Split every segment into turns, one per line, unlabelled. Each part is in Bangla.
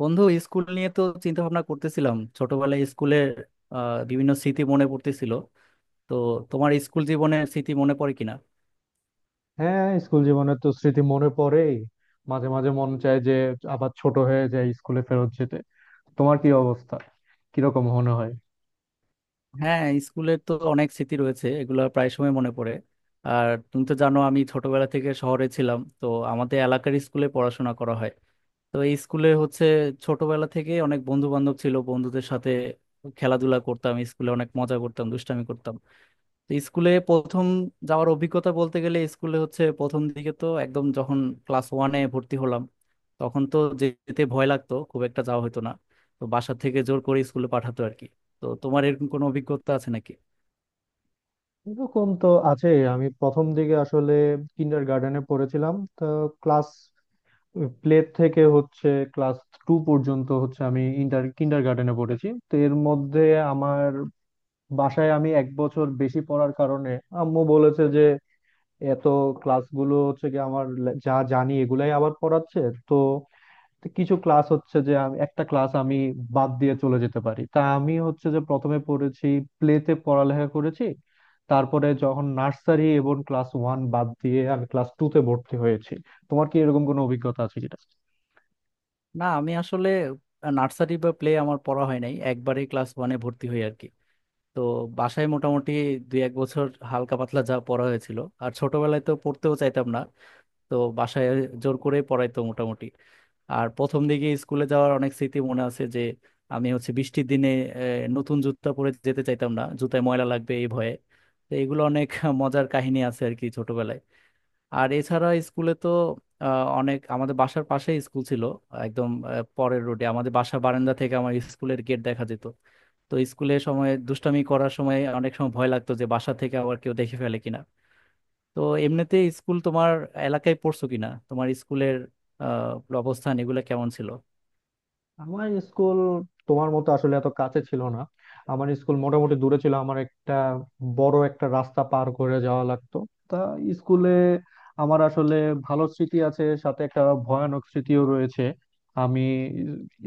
বন্ধু, স্কুল নিয়ে তো চিন্তা ভাবনা করতেছিলাম। ছোটবেলায় স্কুলের বিভিন্ন স্মৃতি মনে পড়তেছিল। তো তোমার স্কুল জীবনের স্মৃতি মনে পড়ে কিনা?
হ্যাঁ, স্কুল জীবনের তো স্মৃতি মনে পড়েই। মাঝে মাঝে মন চায় যে আবার ছোট হয়ে যায়, স্কুলে ফেরত যেতে। তোমার কি অবস্থা? কিরকম মনে হয়?
হ্যাঁ, স্কুলের তো অনেক স্মৃতি রয়েছে, এগুলো প্রায় সময় মনে পড়ে। আর তুমি তো জানো, আমি ছোটবেলা থেকে শহরে ছিলাম, তো আমাদের এলাকার স্কুলে পড়াশোনা করা হয়। তো এই স্কুলে হচ্ছে, ছোটবেলা থেকে অনেক বন্ধু বান্ধব ছিল। বন্ধুদের সাথে খেলাধুলা করতাম, স্কুলে অনেক মজা করতাম, দুষ্টামি করতাম। তো স্কুলে প্রথম যাওয়ার অভিজ্ঞতা বলতে গেলে, স্কুলে হচ্ছে প্রথম দিকে তো একদম, যখন ক্লাস ওয়ানে ভর্তি হলাম, তখন তো যেতে ভয় লাগতো, খুব একটা যাওয়া হতো না। তো বাসা থেকে জোর করে স্কুলে পাঠাতো আর কি। তো তোমার এরকম কোনো অভিজ্ঞতা আছে নাকি?
এরকম তো আছে। আমি প্রথম দিকে আসলে কিন্ডার গার্ডেনে পড়েছিলাম তো। ক্লাস প্লে থেকে হচ্ছে ক্লাস টু পর্যন্ত হচ্ছে আমি ইন্টার কিন্ডার গার্ডেনে পড়েছি। তো এর মধ্যে আমার বাসায় আমি এক বছর বেশি পড়ার কারণে আম্মু বলেছে যে এত ক্লাসগুলো হচ্ছে কি আমার যা জানি এগুলাই আবার পড়াচ্ছে। তো তো কিছু ক্লাস হচ্ছে যে আমি একটা ক্লাস আমি বাদ দিয়ে চলে যেতে পারি। তা আমি হচ্ছে যে প্রথমে পড়েছি, প্লেতে পড়ালেখা করেছি। তারপরে যখন নার্সারি এবং ক্লাস ওয়ান বাদ দিয়ে আমি ক্লাস টু তে ভর্তি হয়েছি। তোমার কি এরকম কোনো অভিজ্ঞতা আছে কিনা?
না, আমি আসলে নার্সারি বা প্লে আমার পড়া হয় নাই, একবারে ক্লাস ওয়ানে ভর্তি হই আর কি। তো বাসায় মোটামুটি দুই এক বছর হালকা পাতলা যা পড়া হয়েছিল। আর ছোটবেলায় তো পড়তেও চাইতাম না। তো বাসায় জোর করে পড়াইতো মোটামুটি। আর প্রথম দিকে স্কুলে যাওয়ার অনেক স্মৃতি মনে আছে। যে আমি হচ্ছে বৃষ্টির দিনে আহ, নতুন জুতা পরে যেতে চাইতাম না, জুতায় ময়লা লাগবে এই ভয়ে। তো এগুলো অনেক মজার কাহিনী আছে আর কি ছোটবেলায়। আর এছাড়া স্কুলে তো অনেক, আমাদের বাসার পাশেই স্কুল ছিল একদম, পরের রোডে। আমাদের বাসা বারান্দা থেকে আমার স্কুলের গেট দেখা যেত। তো স্কুলে সময় দুষ্টামি করার সময় অনেক সময় ভয় লাগতো, যে বাসা থেকে আবার কেউ দেখে ফেলে কিনা। তো এমনিতে স্কুল তোমার এলাকায় পড়ছো কিনা? তোমার স্কুলের অবস্থান এগুলো কেমন ছিল?
আমার স্কুল তোমার মতো আসলে এত কাছে ছিল না। আমার স্কুল মোটামুটি দূরে ছিল, আমার একটা বড় একটা রাস্তা পার করে যাওয়া লাগতো। তা স্কুলে আমার আসলে ভালো স্মৃতি আছে, সাথে একটা ভয়ানক স্মৃতিও রয়েছে। আমি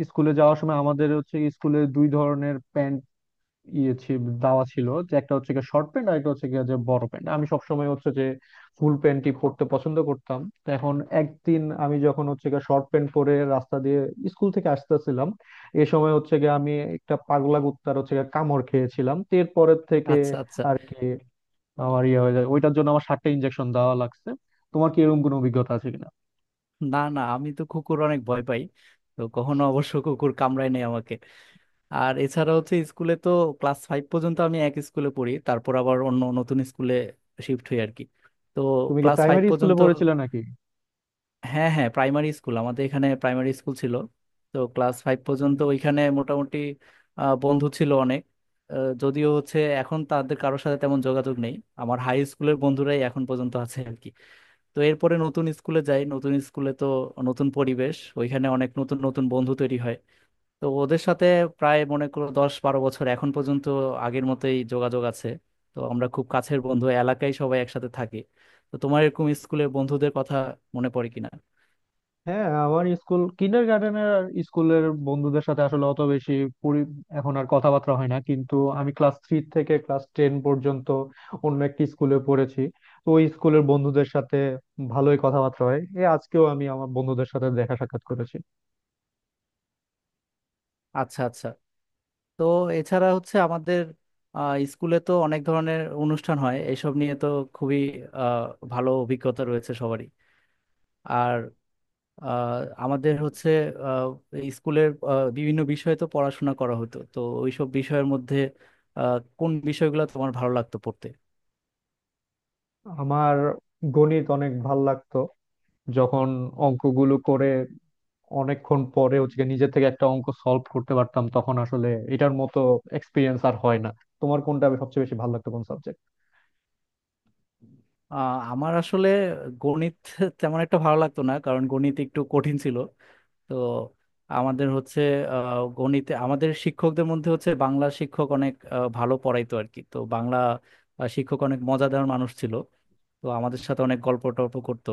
স্কুলে যাওয়ার সময় আমাদের হচ্ছে স্কুলে দুই ধরনের প্যান্ট ইয়ে ছিল, দেওয়া ছিল, যে একটা হচ্ছে গিয়ে শর্ট প্যান্ট আর একটা হচ্ছে গিয়ে যে বড় প্যান্ট। আমি সবসময় হচ্ছে যে ফুল প্যান্টই পরতে পছন্দ করতাম। তো এখন একদিন আমি যখন হচ্ছে গিয়ে শর্ট প্যান্ট পরে রাস্তা দিয়ে স্কুল থেকে আসতেছিলাম, এ সময় হচ্ছে গিয়ে আমি একটা পাগলা কুত্তার হচ্ছে গিয়ে কামড় খেয়েছিলাম। তো এরপরের থেকে
আচ্ছা, আচ্ছা।
আর কি আমার ইয়ে হয়ে যায়, ওইটার জন্য আমার সাতটা ইনজেকশন দেওয়া লাগছে। তোমার কি এরকম কোনো অভিজ্ঞতা আছে কিনা?
না, না, আমি তো কুকুর অনেক ভয় পাই। তো কখনো অবশ্য কুকুর কামড়ায় নাই আমাকে। আর এছাড়া হচ্ছে স্কুলে তো, ক্লাস ফাইভ পর্যন্ত আমি এক স্কুলে পড়ি, তারপর আবার অন্য নতুন স্কুলে শিফট হই আর কি। তো
তুমি কি
ক্লাস ফাইভ
প্রাইমারি স্কুলে
পর্যন্ত।
পড়েছিলে নাকি?
হ্যাঁ, হ্যাঁ, প্রাইমারি স্কুল, আমাদের এখানে প্রাইমারি স্কুল ছিল। তো ক্লাস ফাইভ পর্যন্ত ওইখানে মোটামুটি বন্ধু ছিল অনেক। যদিও হচ্ছে এখন তাদের কারোর সাথে তেমন যোগাযোগ নেই। আমার হাই স্কুলের বন্ধুরাই এখন পর্যন্ত আছে আর কি। তো এরপরে নতুন স্কুলে যাই, নতুন স্কুলে তো নতুন পরিবেশ, ওইখানে অনেক নতুন নতুন বন্ধু তৈরি হয়। তো ওদের সাথে প্রায় মনে করো 10-12 বছর এখন পর্যন্ত আগের মতোই যোগাযোগ আছে। তো আমরা খুব কাছের বন্ধু, এলাকায় সবাই একসাথে থাকি। তো তোমার এরকম স্কুলের বন্ধুদের কথা মনে পড়ে কিনা?
হ্যাঁ, আমার স্কুল কিন্ডার গার্ডেনের স্কুলের বন্ধুদের সাথে আসলে অত বেশি পরি- এখন আর কথাবার্তা হয় না। কিন্তু আমি ক্লাস থ্রি থেকে ক্লাস টেন পর্যন্ত অন্য একটি স্কুলে পড়েছি। তো ওই স্কুলের বন্ধুদের সাথে ভালোই কথাবার্তা হয়। এই আজকেও আমি আমার বন্ধুদের সাথে দেখা সাক্ষাৎ করেছি।
আচ্ছা, আচ্ছা। তো এছাড়া হচ্ছে আমাদের স্কুলে তো অনেক ধরনের অনুষ্ঠান হয়, এইসব নিয়ে তো খুবই ভালো অভিজ্ঞতা রয়েছে সবারই। আর আহ, আমাদের হচ্ছে আহ, এই স্কুলের বিভিন্ন বিষয়ে তো পড়াশোনা করা হতো, তো ওইসব বিষয়ের মধ্যে কোন বিষয়গুলো তোমার ভালো লাগতো পড়তে?
আমার গণিত অনেক ভাল লাগতো। যখন অঙ্কগুলো করে অনেকক্ষণ পরে হচ্ছে গিয়ে নিজে থেকে একটা অঙ্ক সলভ করতে পারতাম, তখন আসলে এটার মতো এক্সপিরিয়েন্স আর হয় না। তোমার কোনটা সবচেয়ে বেশি ভালো লাগতো, কোন সাবজেক্ট?
আমার আসলে গণিত তেমন একটা ভালো লাগতো না, কারণ গণিত একটু কঠিন ছিল। তো আমাদের হচ্ছে গণিতে, আমাদের শিক্ষকদের মধ্যে হচ্ছে বাংলা শিক্ষক অনেক ভালো পড়াইতো আর কি। তো বাংলা শিক্ষক অনেক মজাদার মানুষ ছিল। তো আমাদের সাথে অনেক গল্প টল্প করতো।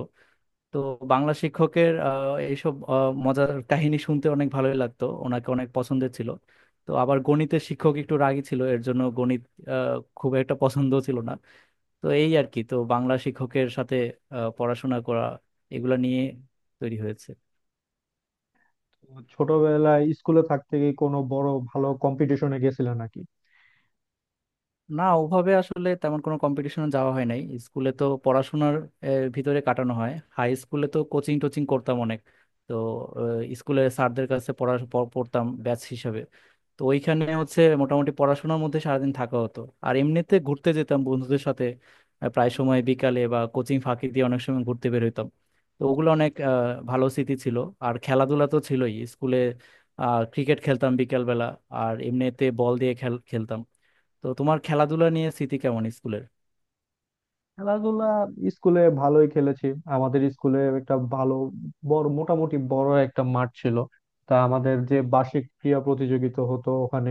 তো বাংলা শিক্ষকের এইসব মজার কাহিনী শুনতে অনেক ভালোই লাগতো, ওনাকে অনেক পছন্দের ছিল। তো আবার গণিতের শিক্ষক একটু রাগী ছিল, এর জন্য গণিত খুব একটা পছন্দ ছিল না। তো এই আর কি। তো বাংলা শিক্ষকের সাথে পড়াশোনা করা, এগুলা নিয়ে তৈরি হয়েছে।
ছোটবেলায় স্কুলে থাকতে কি কোনো বড় ভালো কম্পিটিশনে গেছিলে নাকি?
না, ওভাবে আসলে তেমন কোনো কম্পিটিশনে যাওয়া হয় নাই। স্কুলে তো পড়াশোনার ভিতরে কাটানো হয়। হাই স্কুলে তো কোচিং টোচিং করতাম অনেক। তো স্কুলের স্যারদের কাছে পড়া পড়তাম ব্যাচ হিসাবে। তো ওইখানে হচ্ছে মোটামুটি পড়াশোনার মধ্যে সারাদিন থাকা হতো। আর এমনিতে ঘুরতে যেতাম বন্ধুদের সাথে। প্রায় সময় বিকালে বা কোচিং ফাঁকি দিয়ে অনেক সময় ঘুরতে বের হইতাম। তো ওগুলো অনেক ভালো স্মৃতি ছিল। আর খেলাধুলা তো ছিলই স্কুলে। ক্রিকেট খেলতাম বিকেলবেলা। আর এমনিতে বল দিয়ে খেল খেলতাম। তো তোমার খেলাধুলা নিয়ে স্মৃতি কেমন স্কুলের?
খেলাধুলা স্কুলে ভালোই খেলেছি। আমাদের স্কুলে একটা ভালো বড়, মোটামুটি বড় একটা মাঠ ছিল। তা আমাদের যে বার্ষিক ক্রীড়া প্রতিযোগিতা হতো ওখানে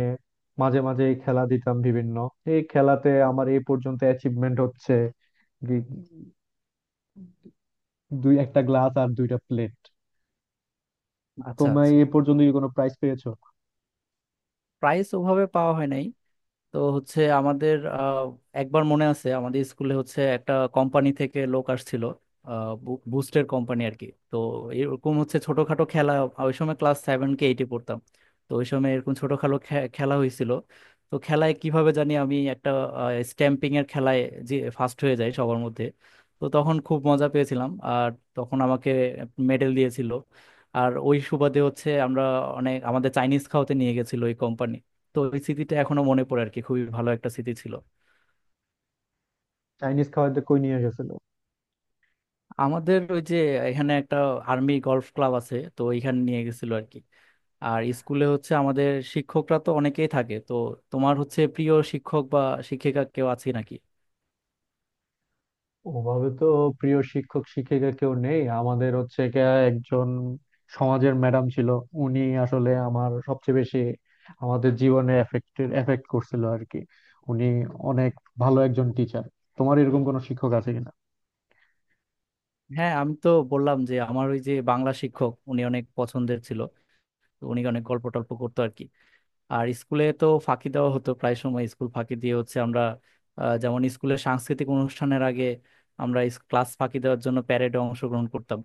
মাঝে মাঝে খেলা দিতাম বিভিন্ন। এই খেলাতে আমার এই পর্যন্ত অ্যাচিভমেন্ট হচ্ছে গি- দুই একটা গ্লাস আর দুইটা প্লেট।
আচ্ছা,
তোমায়
আচ্ছা।
এ পর্যন্ত কি কোনো প্রাইজ পেয়েছো?
প্রাইজ ওভাবে পাওয়া হয় নাই। তো হচ্ছে আমাদের, একবার মনে আছে আমাদের স্কুলে হচ্ছে একটা কোম্পানি থেকে লোক আসছিল। বুস্টের কোম্পানি আর কি। তো এরকম হচ্ছে ছোটখাটো খেলা। ওই সময় ক্লাস সেভেন কে এইটে পড়তাম। তো ওই সময় এরকম ছোটখাটো খেলা হয়েছিল। তো খেলায় কিভাবে জানি আমি একটা স্ট্যাম্পিং এর খেলায় যে ফার্স্ট হয়ে যাই সবার মধ্যে। তো তখন খুব মজা পেয়েছিলাম, আর তখন আমাকে মেডেল দিয়েছিল। আর ওই সুবাদে হচ্ছে আমরা, অনেক, আমাদের চাইনিজ খাওয়াতে নিয়ে গেছিল ওই কোম্পানি। তো ওই স্মৃতিটা এখনো মনে পড়ে আর কি। খুবই ভালো একটা স্মৃতি ছিল।
চাইনিজ খাওয়াতে কই নিয়ে গেছিল?
আমাদের ওই যে এখানে একটা আর্মি গলফ ক্লাব আছে, তো ওইখানে নিয়ে গেছিল আর কি। আর স্কুলে হচ্ছে আমাদের শিক্ষকরা তো অনেকেই থাকে। তো তোমার হচ্ছে প্রিয় শিক্ষক বা শিক্ষিকা কেউ আছে নাকি?
ওভাবে তো প্রিয় শিক্ষক শিক্ষিকা কেউ নেই। আমাদের হচ্ছে গিয়া একজন সমাজের ম্যাডাম ছিল। উনি আসলে আমার সবচেয়ে বেশি আমাদের জীবনে এফেক্ট করছিল আর কি। উনি অনেক ভালো একজন টিচার। তোমার এরকম কোনো শিক্ষক আছে কিনা?
হ্যাঁ, আমি তো বললাম যে আমার ওই যে বাংলা শিক্ষক, উনি অনেক পছন্দের ছিল। তো উনি অনেক গল্প টল্প করতো আর কি। আর স্কুলে তো ফাঁকি দেওয়া হতো প্রায় সময়। স্কুল ফাঁকি দিয়ে হচ্ছে আমরা, যেমন স্কুলের সাংস্কৃতিক অনুষ্ঠানের আগে আমরা ক্লাস ফাঁকি দেওয়ার জন্য প্যারেডে অংশগ্রহণ করতাম।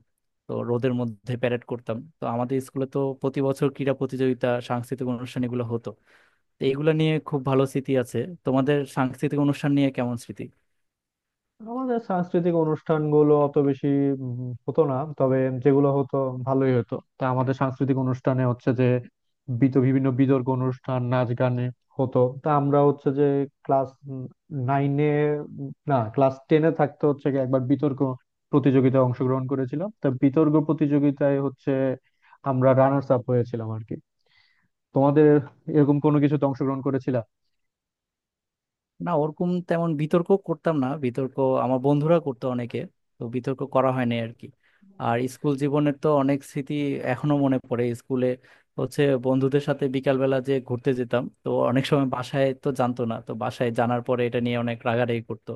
তো রোদের মধ্যে প্যারেড করতাম। তো আমাদের স্কুলে তো প্রতি বছর ক্রীড়া প্রতিযোগিতা, সাংস্কৃতিক অনুষ্ঠান এগুলো হতো। তো এগুলো নিয়ে খুব ভালো স্মৃতি আছে। তোমাদের সাংস্কৃতিক অনুষ্ঠান নিয়ে কেমন স্মৃতি?
আমাদের সাংস্কৃতিক অনুষ্ঠানগুলো অত বেশি হতো না। তবে যেগুলো হতো ভালোই হতো। তা আমাদের সাংস্কৃতিক অনুষ্ঠানে হচ্ছে যে বিভিন্ন বিতর্ক অনুষ্ঠান, নাচ, গানে হতো। তা আমরা হচ্ছে যে ক্লাস নাইনে, না ক্লাস টেনে থাকতে হচ্ছে গিয়ে একবার বিতর্ক প্রতিযোগিতায় অংশগ্রহণ করেছিলাম। তা বিতর্ক প্রতিযোগিতায় হচ্ছে আমরা রানার্স আপ হয়েছিলাম আর কি। তোমাদের এরকম কোনো কিছুতে অংশগ্রহণ করেছিল?
না, ওরকম তেমন বিতর্ক করতাম না। বিতর্ক আমার বন্ধুরা করতো অনেকে। তো বিতর্ক করা হয়নি আর কি। আর স্কুল জীবনের তো অনেক স্মৃতি এখনো মনে পড়ে। স্কুলে হচ্ছে বন্ধুদের সাথে বিকালবেলা যে ঘুরতে যেতাম, তো অনেক সময় বাসায় তো জানতো না, তো বাসায় জানার পরে এটা নিয়ে অনেক রাগারাগি করতো।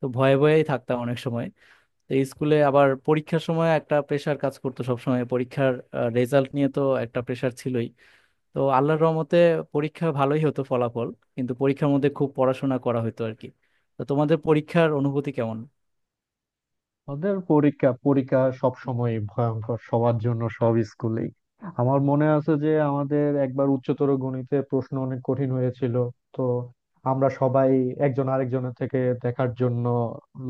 তো ভয়ে ভয়েই থাকতাম অনেক সময়। তো স্কুলে আবার পরীক্ষার সময় একটা প্রেশার কাজ করতো সব সময়। পরীক্ষার রেজাল্ট নিয়ে তো একটা প্রেশার ছিলই। তো আল্লাহর রহমতে পরীক্ষা ভালোই হতো ফলাফল। কিন্তু পরীক্ষার মধ্যে খুব পড়াশোনা করা হতো আর কি। তো তোমাদের পরীক্ষার অনুভূতি কেমন?
তাদের পরীক্ষা, পরীক্ষা সব সময় ভয়ঙ্কর সবার জন্য, সব স্কুলেই। আমার মনে আছে যে আমাদের একবার উচ্চতর গণিতে প্রশ্ন অনেক কঠিন হয়েছিল। তো আমরা সবাই একজন আরেকজনের থেকে দেখার জন্য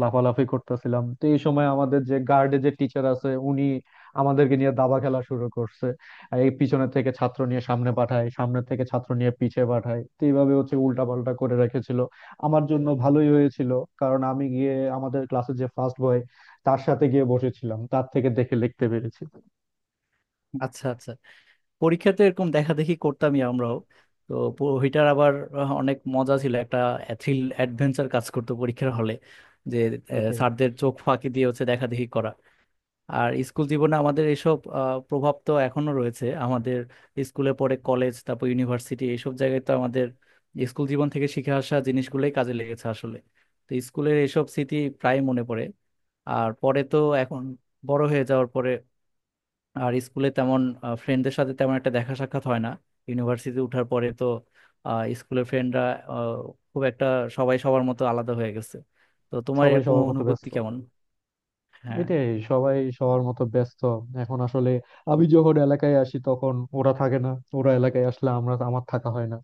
লাফালাফি করতেছিলাম। তো এই সময় আমাদের যে গার্ডে যে টিচার আছে উনি আমাদেরকে নিয়ে দাবা খেলা শুরু করছে। আর এই পিছনের থেকে ছাত্র নিয়ে সামনে পাঠায়, সামনে থেকে ছাত্র নিয়ে পিছে পাঠায়। তো এইভাবে হচ্ছে উল্টা পাল্টা করে রেখেছিল। আমার জন্য ভালোই হয়েছিল, কারণ আমি গিয়ে আমাদের ক্লাসে যে ফার্স্ট বয় তার সাথে গিয়ে বসেছিলাম, তার থেকে দেখে লিখতে পেরেছি।
আচ্ছা, আচ্ছা। পরীক্ষাতে এরকম দেখা দেখি করতামই আমরাও। তো ওইটার আবার অনেক মজা ছিল। একটা থ্রিল অ্যাডভেঞ্চার কাজ করতো পরীক্ষার হলে, যে
ওইটাই,
স্যারদের চোখ ফাঁকি দিয়ে হচ্ছে দেখা দেখি করা। আর স্কুল জীবনে আমাদের এসব প্রভাব তো এখনো রয়েছে আমাদের। স্কুলে পড়ে, কলেজ, তারপর ইউনিভার্সিটি এসব জায়গায় তো আমাদের স্কুল জীবন থেকে শিখে আসা জিনিসগুলোই কাজে লেগেছে আসলে। তো স্কুলের এসব স্মৃতি প্রায় মনে পড়ে। আর পরে তো এখন বড় হয়ে যাওয়ার পরে, আর স্কুলে তেমন ফ্রেন্ডদের সাথে তেমন একটা দেখা সাক্ষাৎ হয় না। ইউনিভার্সিটি ওঠার পরে তো স্কুলের ফ্রেন্ডরা খুব একটা, সবাই সবার মতো আলাদা হয়ে গেছে। তো তোমার
সবাই
এরকম
সবার মতো
অনুভূতি
ব্যস্ত।
কেমন? হ্যাঁ।
এটাই, সবাই সবার মতো ব্যস্ত। এখন আসলে আমি যখন এলাকায় আসি তখন ওরা থাকে না। ওরা এলাকায় আসলে আমরা আমার থাকা হয় না।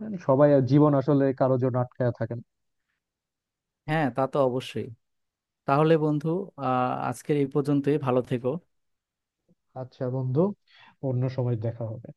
মানে সবাই, জীবন আসলে কারোর জন্য আটকায়া থাকে না।
হ্যাঁ, তা তো অবশ্যই। তাহলে বন্ধু, আজকের এই পর্যন্তই। ভালো থেকো।
আচ্ছা বন্ধু, অন্য সময় দেখা হবে।